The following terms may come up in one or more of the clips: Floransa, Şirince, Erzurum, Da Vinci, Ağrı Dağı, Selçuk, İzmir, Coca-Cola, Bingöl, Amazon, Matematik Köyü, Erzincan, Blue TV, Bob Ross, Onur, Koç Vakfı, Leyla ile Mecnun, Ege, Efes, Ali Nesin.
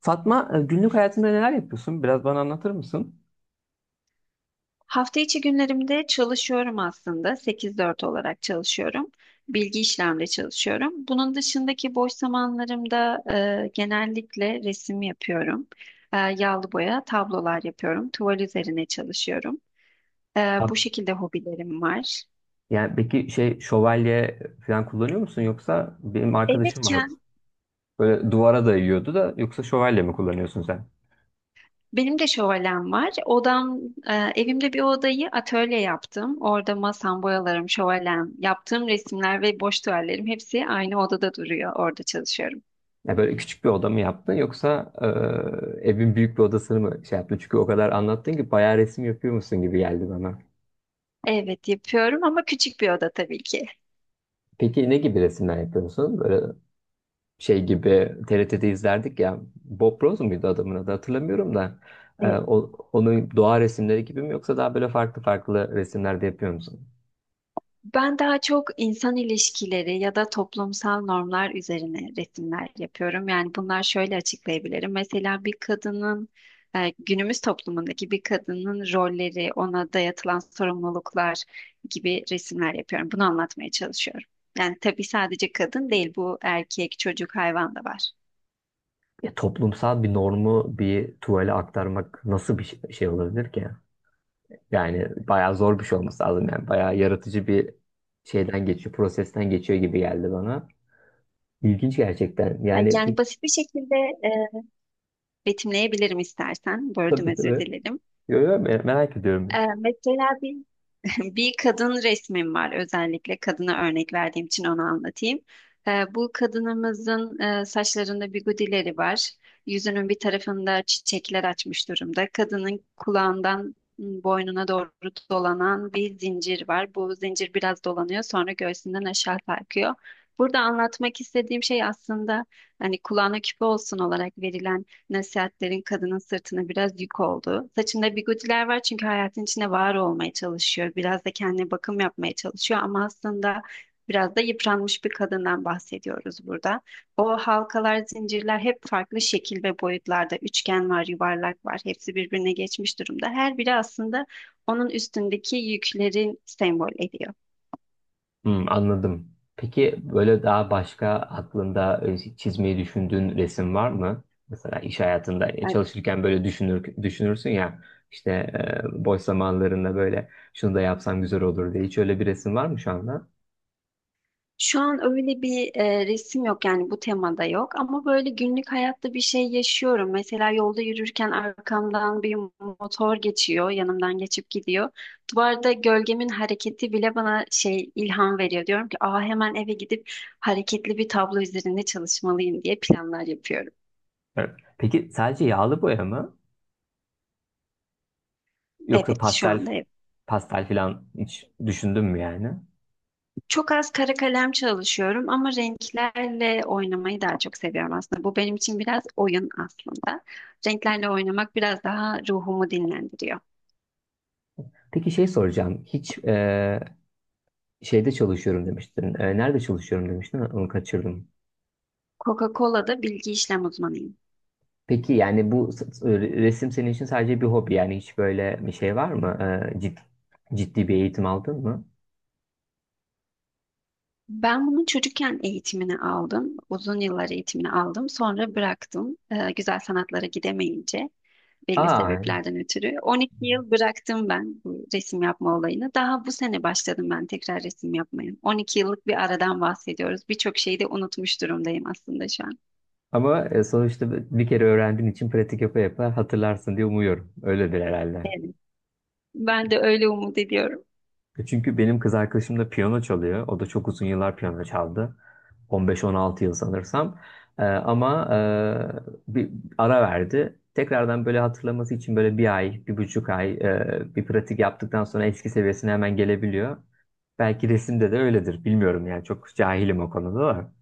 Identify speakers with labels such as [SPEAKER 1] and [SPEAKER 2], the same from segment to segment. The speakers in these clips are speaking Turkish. [SPEAKER 1] Fatma, günlük hayatında neler yapıyorsun? Biraz bana anlatır mısın?
[SPEAKER 2] Hafta içi günlerimde çalışıyorum aslında. 8-4 olarak çalışıyorum. Bilgi işlemde çalışıyorum. Bunun dışındaki boş zamanlarımda genellikle resim yapıyorum. Yağlı boya tablolar yapıyorum. Tuval üzerine çalışıyorum. E,
[SPEAKER 1] Ha-
[SPEAKER 2] Bu şekilde hobilerim var.
[SPEAKER 1] Yani peki şey şövalye falan kullanıyor musun, yoksa benim arkadaşım
[SPEAKER 2] Evetken
[SPEAKER 1] vardı. Böyle duvara dayıyordu da. Yoksa şövalye mi kullanıyorsun sen?
[SPEAKER 2] benim de şövalem var. E, Evimde bir odayı atölye yaptım. Orada masam, boyalarım, şövalem, yaptığım resimler ve boş tuvallerim hepsi aynı odada duruyor. Orada çalışıyorum.
[SPEAKER 1] Ya, böyle küçük bir oda mı yaptın, yoksa evin büyük bir odasını mı şey yaptın? Çünkü o kadar anlattın ki bayağı resim yapıyor musun gibi geldi bana.
[SPEAKER 2] Evet yapıyorum ama küçük bir oda tabii ki.
[SPEAKER 1] Peki, ne gibi resimler yapıyorsun? Böyle şey gibi TRT'de izlerdik ya. Bob Ross muydu adamın adı, hatırlamıyorum da.
[SPEAKER 2] Evet.
[SPEAKER 1] Onun doğa resimleri gibi mi, yoksa daha böyle farklı farklı resimlerde yapıyor musun?
[SPEAKER 2] Ben daha çok insan ilişkileri ya da toplumsal normlar üzerine resimler yapıyorum. Yani bunlar şöyle açıklayabilirim. Mesela bir günümüz toplumundaki bir kadının rolleri, ona dayatılan sorumluluklar gibi resimler yapıyorum. Bunu anlatmaya çalışıyorum. Yani tabii sadece kadın değil, bu erkek, çocuk, hayvan da var.
[SPEAKER 1] Ya, toplumsal bir normu bir tuvale aktarmak nasıl bir şey olabilir ki? Yani bayağı zor bir şey olması lazım yani. Bayağı yaratıcı bir şeyden geçiyor, prosesten geçiyor gibi geldi bana. İlginç gerçekten. Yani,
[SPEAKER 2] Yani basit bir şekilde e, betimleyebilirim istersen. Böldüm
[SPEAKER 1] tabii,
[SPEAKER 2] özür
[SPEAKER 1] tabii.
[SPEAKER 2] dilerim.
[SPEAKER 1] Yo, yo, merak ediyorum.
[SPEAKER 2] Mesela bir bir kadın resmim var, özellikle kadına örnek verdiğim için onu anlatayım. Bu kadınımızın saçlarında bigudileri var. Yüzünün bir tarafında çiçekler açmış durumda. Kadının kulağından boynuna doğru dolanan bir zincir var. Bu zincir biraz dolanıyor, sonra göğsünden aşağı sarkıyor. Burada anlatmak istediğim şey aslında hani kulağına küpe olsun olarak verilen nasihatlerin kadının sırtına biraz yük oldu. Saçında bigudiler var çünkü hayatın içine var olmaya çalışıyor. Biraz da kendine bakım yapmaya çalışıyor ama aslında biraz da yıpranmış bir kadından bahsediyoruz burada. O halkalar, zincirler hep farklı şekil ve boyutlarda. Üçgen var, yuvarlak var. Hepsi birbirine geçmiş durumda. Her biri aslında onun üstündeki yüklerin sembol ediyor.
[SPEAKER 1] Hmm, anladım. Peki, böyle daha başka aklında çizmeyi düşündüğün resim var mı? Mesela iş hayatında çalışırken böyle düşünürsün ya, işte boş zamanlarında böyle şunu da yapsam güzel olur diye. Hiç öyle bir resim var mı şu anda?
[SPEAKER 2] Şu an öyle bir resim yok, yani bu temada yok ama böyle günlük hayatta bir şey yaşıyorum. Mesela yolda yürürken arkamdan bir motor geçiyor, yanımdan geçip gidiyor. Duvarda gölgemin hareketi bile bana şey ilham veriyor. Diyorum ki, "Aa, hemen eve gidip hareketli bir tablo üzerinde çalışmalıyım." diye planlar yapıyorum.
[SPEAKER 1] Evet. Peki, sadece yağlı boya mı? Yoksa
[SPEAKER 2] Evet, şu
[SPEAKER 1] pastel
[SPEAKER 2] anda evet.
[SPEAKER 1] pastel falan hiç düşündün mü yani?
[SPEAKER 2] Çok az kara kalem çalışıyorum ama renklerle oynamayı daha çok seviyorum aslında. Bu benim için biraz oyun aslında. Renklerle oynamak biraz daha ruhumu dinlendiriyor.
[SPEAKER 1] Peki, şey soracağım. Hiç şeyde çalışıyorum demiştin. Nerede çalışıyorum demiştin? Onu kaçırdım.
[SPEAKER 2] Coca-Cola'da bilgi işlem uzmanıyım.
[SPEAKER 1] Peki yani, bu resim senin için sadece bir hobi, yani hiç böyle bir şey var mı? Ee, Ciddi, ciddi bir eğitim aldın mı?
[SPEAKER 2] Ben bunun çocukken eğitimini aldım. Uzun yıllar eğitimini aldım. Sonra bıraktım. Güzel sanatlara gidemeyince, belli
[SPEAKER 1] Aa,
[SPEAKER 2] sebeplerden ötürü. 12 yıl bıraktım ben bu resim yapma olayını. Daha bu sene başladım ben tekrar resim yapmaya. 12 yıllık bir aradan bahsediyoruz. Birçok şeyi de unutmuş durumdayım aslında şu an.
[SPEAKER 1] ama sonuçta bir kere öğrendiğin için pratik yapa yapa hatırlarsın diye umuyorum. Öyledir herhalde.
[SPEAKER 2] Evet. Ben de öyle umut ediyorum.
[SPEAKER 1] Çünkü benim kız arkadaşım da piyano çalıyor. O da çok uzun yıllar piyano çaldı. 15-16 yıl sanırsam. Ama bir ara verdi. Tekrardan böyle hatırlaması için böyle bir ay, 1,5 ay bir pratik yaptıktan sonra eski seviyesine hemen gelebiliyor. Belki resimde de öyledir. Bilmiyorum yani, çok cahilim o konuda da.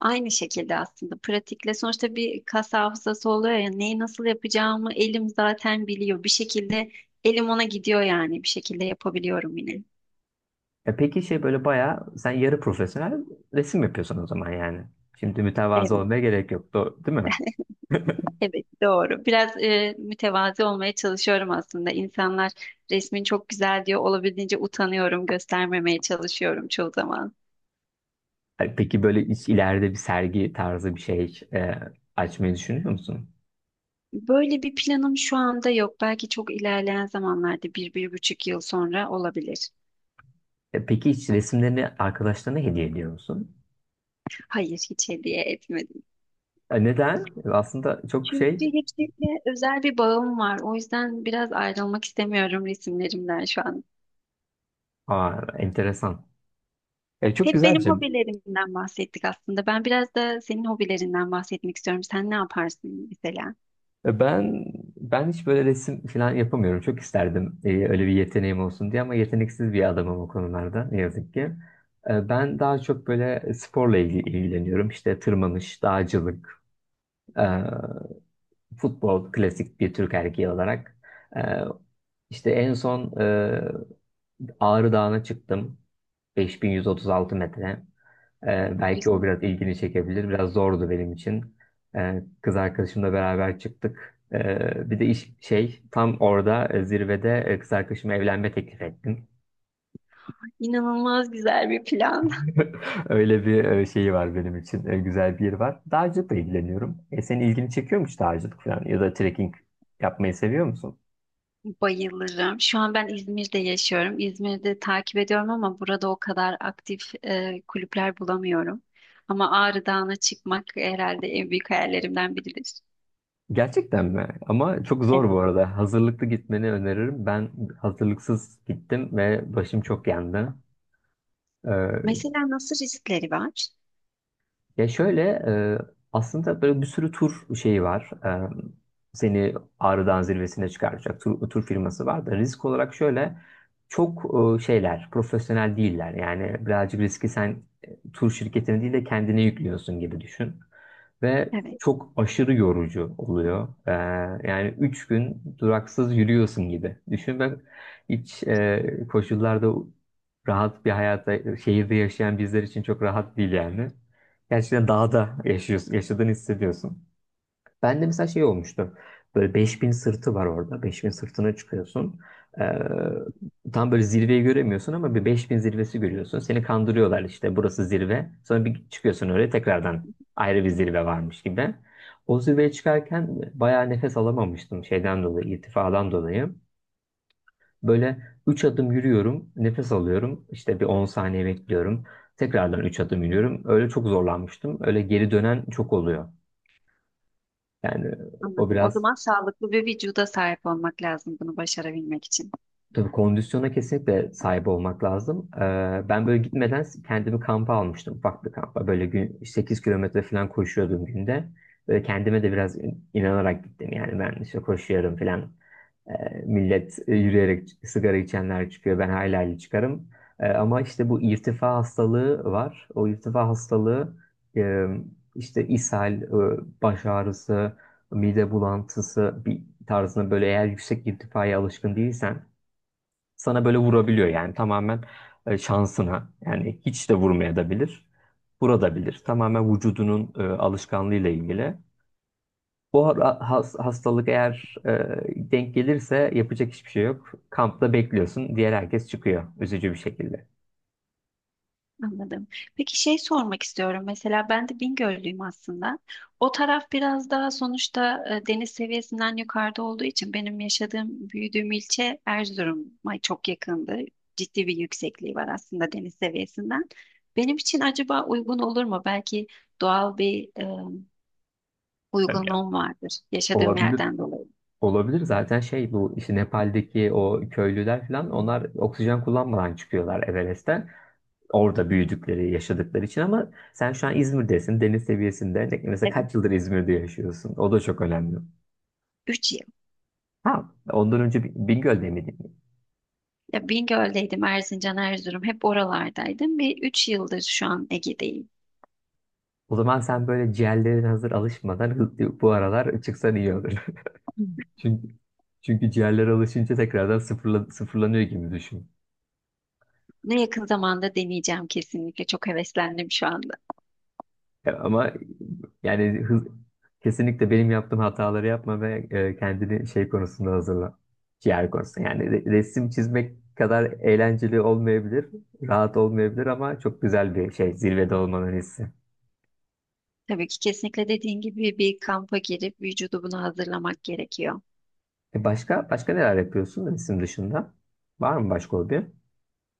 [SPEAKER 2] Aynı şekilde aslında pratikle sonuçta bir kas hafızası oluyor ya, neyi nasıl yapacağımı elim zaten biliyor. Bir şekilde elim ona gidiyor, yani bir şekilde yapabiliyorum yine.
[SPEAKER 1] Peki böyle bayağı sen yarı profesyonel resim yapıyorsun o zaman yani. Şimdi mütevazı olmaya gerek yok, değil mi?
[SPEAKER 2] Evet, doğru. Biraz mütevazi olmaya çalışıyorum aslında. İnsanlar resmin çok güzel diyor. Olabildiğince utanıyorum, göstermemeye çalışıyorum çoğu zaman.
[SPEAKER 1] Peki, böyle hiç ileride bir sergi tarzı bir şey açmayı düşünüyor musun?
[SPEAKER 2] Böyle bir planım şu anda yok. Belki çok ilerleyen zamanlarda bir, bir buçuk yıl sonra olabilir.
[SPEAKER 1] Peki, hiç resimlerini arkadaşlarına hediye ediyor musun?
[SPEAKER 2] Hayır, hiç hediye etmedim.
[SPEAKER 1] Neden? Aslında çok
[SPEAKER 2] Çünkü hepsiyle özel bir bağım var. O yüzden biraz ayrılmak istemiyorum resimlerimden şu an.
[SPEAKER 1] enteresan. Çok
[SPEAKER 2] Hep
[SPEAKER 1] güzel bir
[SPEAKER 2] benim
[SPEAKER 1] şey.
[SPEAKER 2] hobilerimden bahsettik aslında. Ben biraz da senin hobilerinden bahsetmek istiyorum. Sen ne yaparsın mesela?
[SPEAKER 1] E, Ben ben hiç böyle resim falan yapamıyorum. Çok isterdim öyle bir yeteneğim olsun diye, ama yeteneksiz bir adamım o konularda ne yazık ki. Ben daha çok böyle sporla ilgileniyorum. İşte tırmanış, dağcılık, e, futbol, klasik bir Türk erkeği olarak. E, İşte en son Ağrı Dağı'na çıktım. 5136 metre. Ee,
[SPEAKER 2] Çok
[SPEAKER 1] belki
[SPEAKER 2] güzel.
[SPEAKER 1] o biraz ilgini çekebilir. Biraz zordu benim için. Kız arkadaşımla beraber çıktık. Bir de iş şey tam orada, zirvede, kız arkadaşıma evlenme teklif ettim.
[SPEAKER 2] İnanılmaz güzel bir plan.
[SPEAKER 1] Öyle bir şeyi var benim için. Güzel bir yeri var. Dağcılıkla ilgileniyorum. Senin ilgini çekiyor mu hiç dağcılık falan, ya da trekking yapmayı seviyor musun?
[SPEAKER 2] Bayılırım. Şu an ben İzmir'de yaşıyorum. İzmir'de takip ediyorum ama burada o kadar aktif kulüpler bulamıyorum. Ama Ağrı Dağı'na çıkmak herhalde en büyük hayallerimden biridir.
[SPEAKER 1] Gerçekten mi? Ama çok zor bu
[SPEAKER 2] Evet.
[SPEAKER 1] arada. Hazırlıklı gitmeni öneririm. Ben hazırlıksız gittim ve başım çok yandı.
[SPEAKER 2] Mesela nasıl riskleri var?
[SPEAKER 1] Ya şöyle, aslında böyle bir sürü tur şeyi var. Seni Ağrı'dan zirvesine çıkaracak tur firması var da, risk olarak şöyle çok şeyler, profesyonel değiller. Yani birazcık riski sen tur şirketine değil de kendine yüklüyorsun gibi düşün. Ve
[SPEAKER 2] Evet.
[SPEAKER 1] çok aşırı yorucu oluyor. Yani 3 gün duraksız yürüyorsun gibi. Düşün, ben hiç koşullarda, rahat bir hayata şehirde yaşayan bizler için çok rahat değil yani. Gerçekten dağda yaşıyorsun, yaşadığını hissediyorsun. Ben de mesela şey olmuştu. Böyle 5000 sırtı var orada. 5000 sırtına çıkıyorsun. Ee, tam böyle zirveyi göremiyorsun ama bir 5000 zirvesi görüyorsun. Seni kandırıyorlar, işte burası zirve. Sonra bir çıkıyorsun öyle, tekrardan ayrı bir zirve varmış gibi. O zirveye çıkarken bayağı nefes alamamıştım şeyden dolayı, irtifadan dolayı. Böyle 3 adım yürüyorum, nefes alıyorum, işte bir 10 saniye bekliyorum. Tekrardan 3 adım yürüyorum. Öyle çok zorlanmıştım. Öyle geri dönen çok oluyor. Yani o
[SPEAKER 2] Anladım. O
[SPEAKER 1] biraz.
[SPEAKER 2] zaman sağlıklı bir vücuda sahip olmak lazım bunu başarabilmek için.
[SPEAKER 1] Tabii, kondisyona kesinlikle sahip olmak lazım. Ben böyle gitmeden kendimi kampa almıştım. Ufak bir kampa. Böyle gün 8 kilometre falan koşuyordum günde. Böyle kendime de biraz inanarak gittim. Yani ben işte koşuyorum falan. Ee, millet yürüyerek, sigara içenler çıkıyor. Ben hayli hayli çıkarım. Ama işte bu irtifa hastalığı var. O irtifa hastalığı, e, işte ishal, baş ağrısı, mide bulantısı bir tarzında, böyle eğer yüksek irtifaya alışkın değilsen sana böyle vurabiliyor. Yani tamamen şansına, yani hiç de vurmaya da bilir, vurabilir. Tamamen vücudunun alışkanlığıyla ilgili. Bu hastalık eğer denk gelirse, yapacak hiçbir şey yok. Kampta bekliyorsun. Diğer herkes çıkıyor. Üzücü bir şekilde.
[SPEAKER 2] Anladım. Peki şey sormak istiyorum. Mesela ben de Bingöllüyüm aslında. O taraf biraz daha sonuçta deniz seviyesinden yukarıda olduğu için benim yaşadığım, büyüdüğüm ilçe Erzurum'a çok yakındı. Ciddi bir yüksekliği var aslında deniz seviyesinden. Benim için acaba uygun olur mu? Belki doğal bir
[SPEAKER 1] Tabii ya.
[SPEAKER 2] uygunluğum vardır yaşadığım
[SPEAKER 1] Olabilir.
[SPEAKER 2] yerden dolayı.
[SPEAKER 1] Olabilir zaten, şey, bu işte Nepal'deki o köylüler falan, onlar oksijen kullanmadan çıkıyorlar Everest'ten. Orada büyüdükleri, yaşadıkları için. Ama sen şu an İzmir'desin, deniz seviyesinde. Mesela
[SPEAKER 2] Evet.
[SPEAKER 1] kaç yıldır İzmir'de yaşıyorsun? O da çok önemli.
[SPEAKER 2] Üç yıl.
[SPEAKER 1] Ha, ondan önce Bingöl'de miydin?
[SPEAKER 2] Ya Bingöl'deydim, Erzincan, Erzurum hep oralardaydım ve üç yıldır şu an Ege'deyim.
[SPEAKER 1] O zaman sen böyle, ciğerlerin hazır alışmadan bu aralar çıksan iyi olur. Çünkü çünkü ciğerler alışınca tekrardan sıfırlanıyor gibi düşün.
[SPEAKER 2] Bunu yakın zamanda deneyeceğim kesinlikle. Çok heveslendim şu anda.
[SPEAKER 1] Ya, ama yani, kesinlikle benim yaptığım hataları yapma ve kendini şey konusunda hazırla. Ciğer konusunda. Yani resim çizmek kadar eğlenceli olmayabilir, rahat olmayabilir, ama çok güzel bir şey zirvede olmanın hissi.
[SPEAKER 2] Tabii ki kesinlikle dediğin gibi bir kampa girip vücudu buna hazırlamak gerekiyor.
[SPEAKER 1] Başka başka neler yapıyorsun resim dışında? Var mı başka hobi?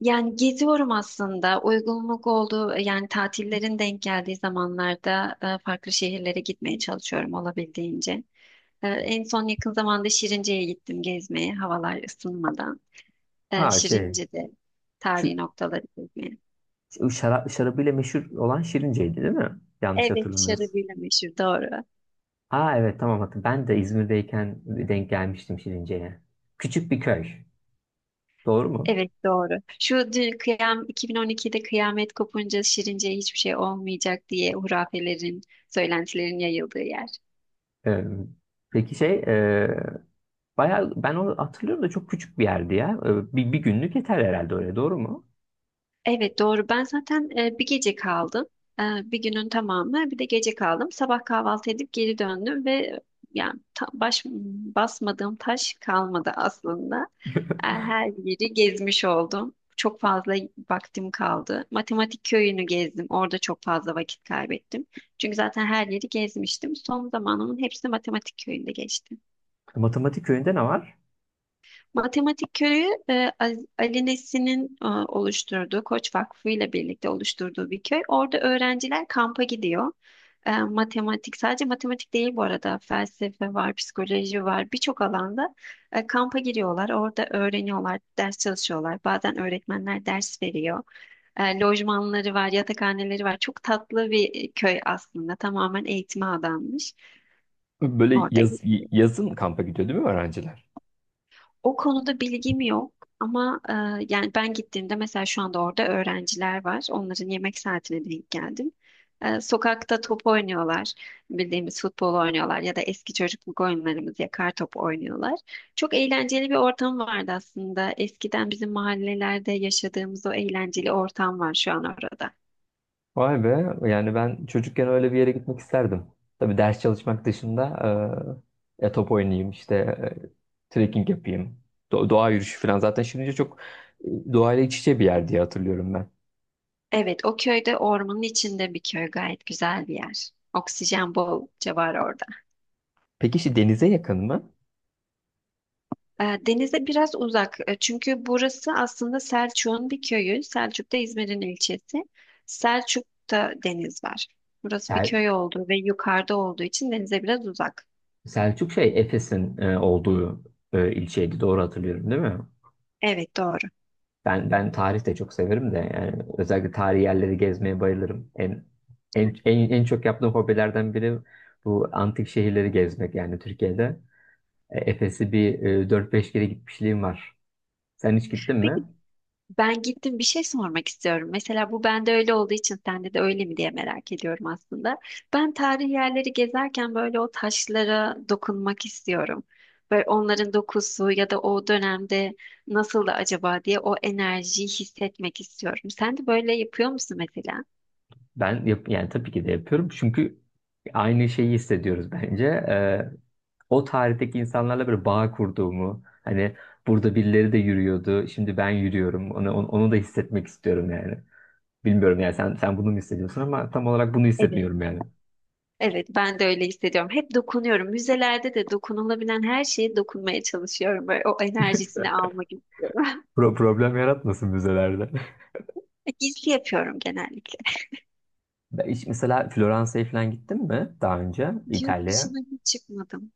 [SPEAKER 2] Yani geziyorum aslında. Uygunluk olduğu, yani tatillerin denk geldiği zamanlarda farklı şehirlere gitmeye çalışıyorum olabildiğince. En son yakın zamanda Şirince'ye gittim gezmeye, havalar ısınmadan.
[SPEAKER 1] Ha,
[SPEAKER 2] Şirince'de
[SPEAKER 1] şu
[SPEAKER 2] tarihi noktaları gezmeye.
[SPEAKER 1] şu şarabıyla meşhur olan Şirince'ydi, değil mi? Yanlış
[SPEAKER 2] Evet,
[SPEAKER 1] hatırlamıyorsun.
[SPEAKER 2] şarabıyla meşhur, doğru.
[SPEAKER 1] Ha, evet, tamam, hatırladım. Ben de İzmir'deyken denk gelmiştim Şirince'ye. Küçük bir köy. Doğru mu?
[SPEAKER 2] Evet doğru. Şu dün kıyam 2012'de kıyamet kopunca Şirince'ye hiçbir şey olmayacak diye hurafelerin, söylentilerin yayıldığı yer.
[SPEAKER 1] Ee, peki bayağı, ben onu hatırlıyorum da çok küçük bir yerdi ya. Bir günlük yeter herhalde öyle, doğru mu?
[SPEAKER 2] Evet doğru. Ben zaten bir gece kaldım. E, Bir günün tamamı, bir de gece kaldım. Sabah kahvaltı edip geri döndüm ve yani baş basmadığım taş kalmadı aslında. Her yeri gezmiş oldum. Çok fazla vaktim kaldı. Matematik köyünü gezdim. Orada çok fazla vakit kaybettim. Çünkü zaten her yeri gezmiştim. Son zamanımın hepsi matematik köyünde geçti.
[SPEAKER 1] Matematik köyünde ne var?
[SPEAKER 2] Matematik Köyü Ali Nesin'in oluşturduğu, Koç Vakfı ile birlikte oluşturduğu bir köy. Orada öğrenciler kampa gidiyor. Matematik, sadece matematik değil bu arada, felsefe var, psikoloji var, birçok alanda kampa giriyorlar. Orada öğreniyorlar, ders çalışıyorlar. Bazen öğretmenler ders veriyor. Lojmanları var, yatakhaneleri var. Çok tatlı bir köy aslında. Tamamen eğitime adanmış.
[SPEAKER 1] Böyle
[SPEAKER 2] Orada
[SPEAKER 1] yazın kampa gidiyor değil mi öğrenciler?
[SPEAKER 2] O konuda bilgim yok ama yani ben gittiğimde mesela şu anda orada öğrenciler var. Onların yemek saatine denk geldim. Sokakta top oynuyorlar. Bildiğimiz futbol oynuyorlar ya da eski çocukluk oyunlarımız, yakar top oynuyorlar. Çok eğlenceli bir ortam vardı aslında. Eskiden bizim mahallelerde yaşadığımız o eğlenceli ortam var şu an orada.
[SPEAKER 1] Vay be, yani ben çocukken öyle bir yere gitmek isterdim. Tabii ders çalışmak dışında, ya top oynayayım işte, trekking yapayım. Doğa yürüyüşü falan, zaten şimdi çok doğayla iç içe bir yer diye hatırlıyorum ben.
[SPEAKER 2] Evet, o köyde, ormanın içinde bir köy, gayet güzel bir yer. Oksijen bolca var orada.
[SPEAKER 1] Peki işte denize yakın mı?
[SPEAKER 2] Denize biraz uzak. Çünkü burası aslında Selçuk'un bir köyü. Selçuk da İzmir'in ilçesi. Selçuk'ta deniz var. Burası bir köy olduğu ve yukarıda olduğu için denize biraz uzak.
[SPEAKER 1] Selçuk, Efes'in olduğu ilçeydi. Doğru hatırlıyorum, değil mi?
[SPEAKER 2] Evet doğru.
[SPEAKER 1] Ben tarih de çok severim de, yani özellikle tarihi yerleri gezmeye bayılırım. En çok yaptığım hobilerden biri bu antik şehirleri gezmek, yani Türkiye'de. Efes'i bir 4-5 kere gitmişliğim var. Sen hiç gittin mi?
[SPEAKER 2] Peki ben gittim, bir şey sormak istiyorum. Mesela bu bende öyle olduğu için sende de öyle mi diye merak ediyorum aslında. Ben tarihi yerleri gezerken böyle o taşlara dokunmak istiyorum. Böyle onların dokusu ya da o dönemde nasıl da acaba diye o enerjiyi hissetmek istiyorum. Sen de böyle yapıyor musun mesela?
[SPEAKER 1] Ben yani tabii ki de yapıyorum. Çünkü aynı şeyi hissediyoruz bence. O tarihteki insanlarla böyle bağ kurduğumu, hani burada birileri de yürüyordu, şimdi ben yürüyorum, onu da hissetmek istiyorum yani. Bilmiyorum yani, sen bunu mu hissediyorsun, ama tam olarak bunu
[SPEAKER 2] Evet.
[SPEAKER 1] hissetmiyorum yani.
[SPEAKER 2] Evet, ben de öyle hissediyorum. Hep dokunuyorum. Müzelerde de dokunulabilen her şeye dokunmaya çalışıyorum. Böyle o enerjisini almak istiyorum.
[SPEAKER 1] Problem yaratmasın müzelerde.
[SPEAKER 2] Gizli yapıyorum genellikle.
[SPEAKER 1] Ben mesela Floransa'ya falan gittim mi daha önce,
[SPEAKER 2] Yurt
[SPEAKER 1] İtalya'ya?
[SPEAKER 2] dışına hiç çıkmadım.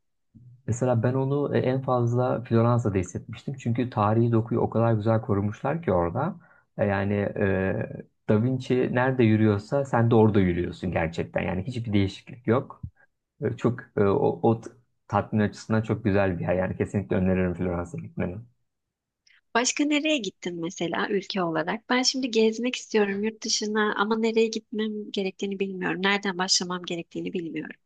[SPEAKER 1] Mesela ben onu en fazla Floransa'da hissetmiştim. Çünkü tarihi dokuyu o kadar güzel korumuşlar ki orada. Yani Da Vinci nerede yürüyorsa sen de orada yürüyorsun gerçekten. Yani hiçbir değişiklik yok. E, Çok e, o, o t- Tatmin açısından çok güzel bir yer. Yani kesinlikle öneririm Florans'a gitmeni.
[SPEAKER 2] Başka nereye gittin mesela, ülke olarak? Ben şimdi gezmek istiyorum yurt dışına ama nereye gitmem gerektiğini bilmiyorum. Nereden başlamam gerektiğini bilmiyorum.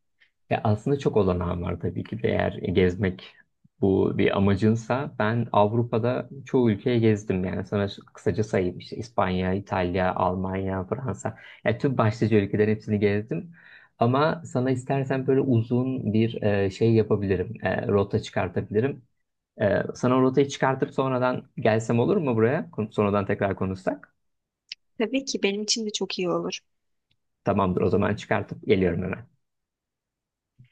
[SPEAKER 1] Ya aslında çok olanağım var tabii ki de, eğer gezmek bu bir amacınsa. Ben Avrupa'da çoğu ülkeye gezdim. Yani sana kısaca sayayım: işte İspanya, İtalya, Almanya, Fransa, yani tüm başlıca ülkelerin hepsini gezdim. Ama sana istersen böyle uzun bir şey yapabilirim. Rota çıkartabilirim. Sana o rotayı çıkartıp sonradan gelsem olur mu buraya, sonradan tekrar konuşsak?
[SPEAKER 2] Tabii ki benim için de çok iyi olur.
[SPEAKER 1] Tamamdır o zaman, çıkartıp geliyorum hemen.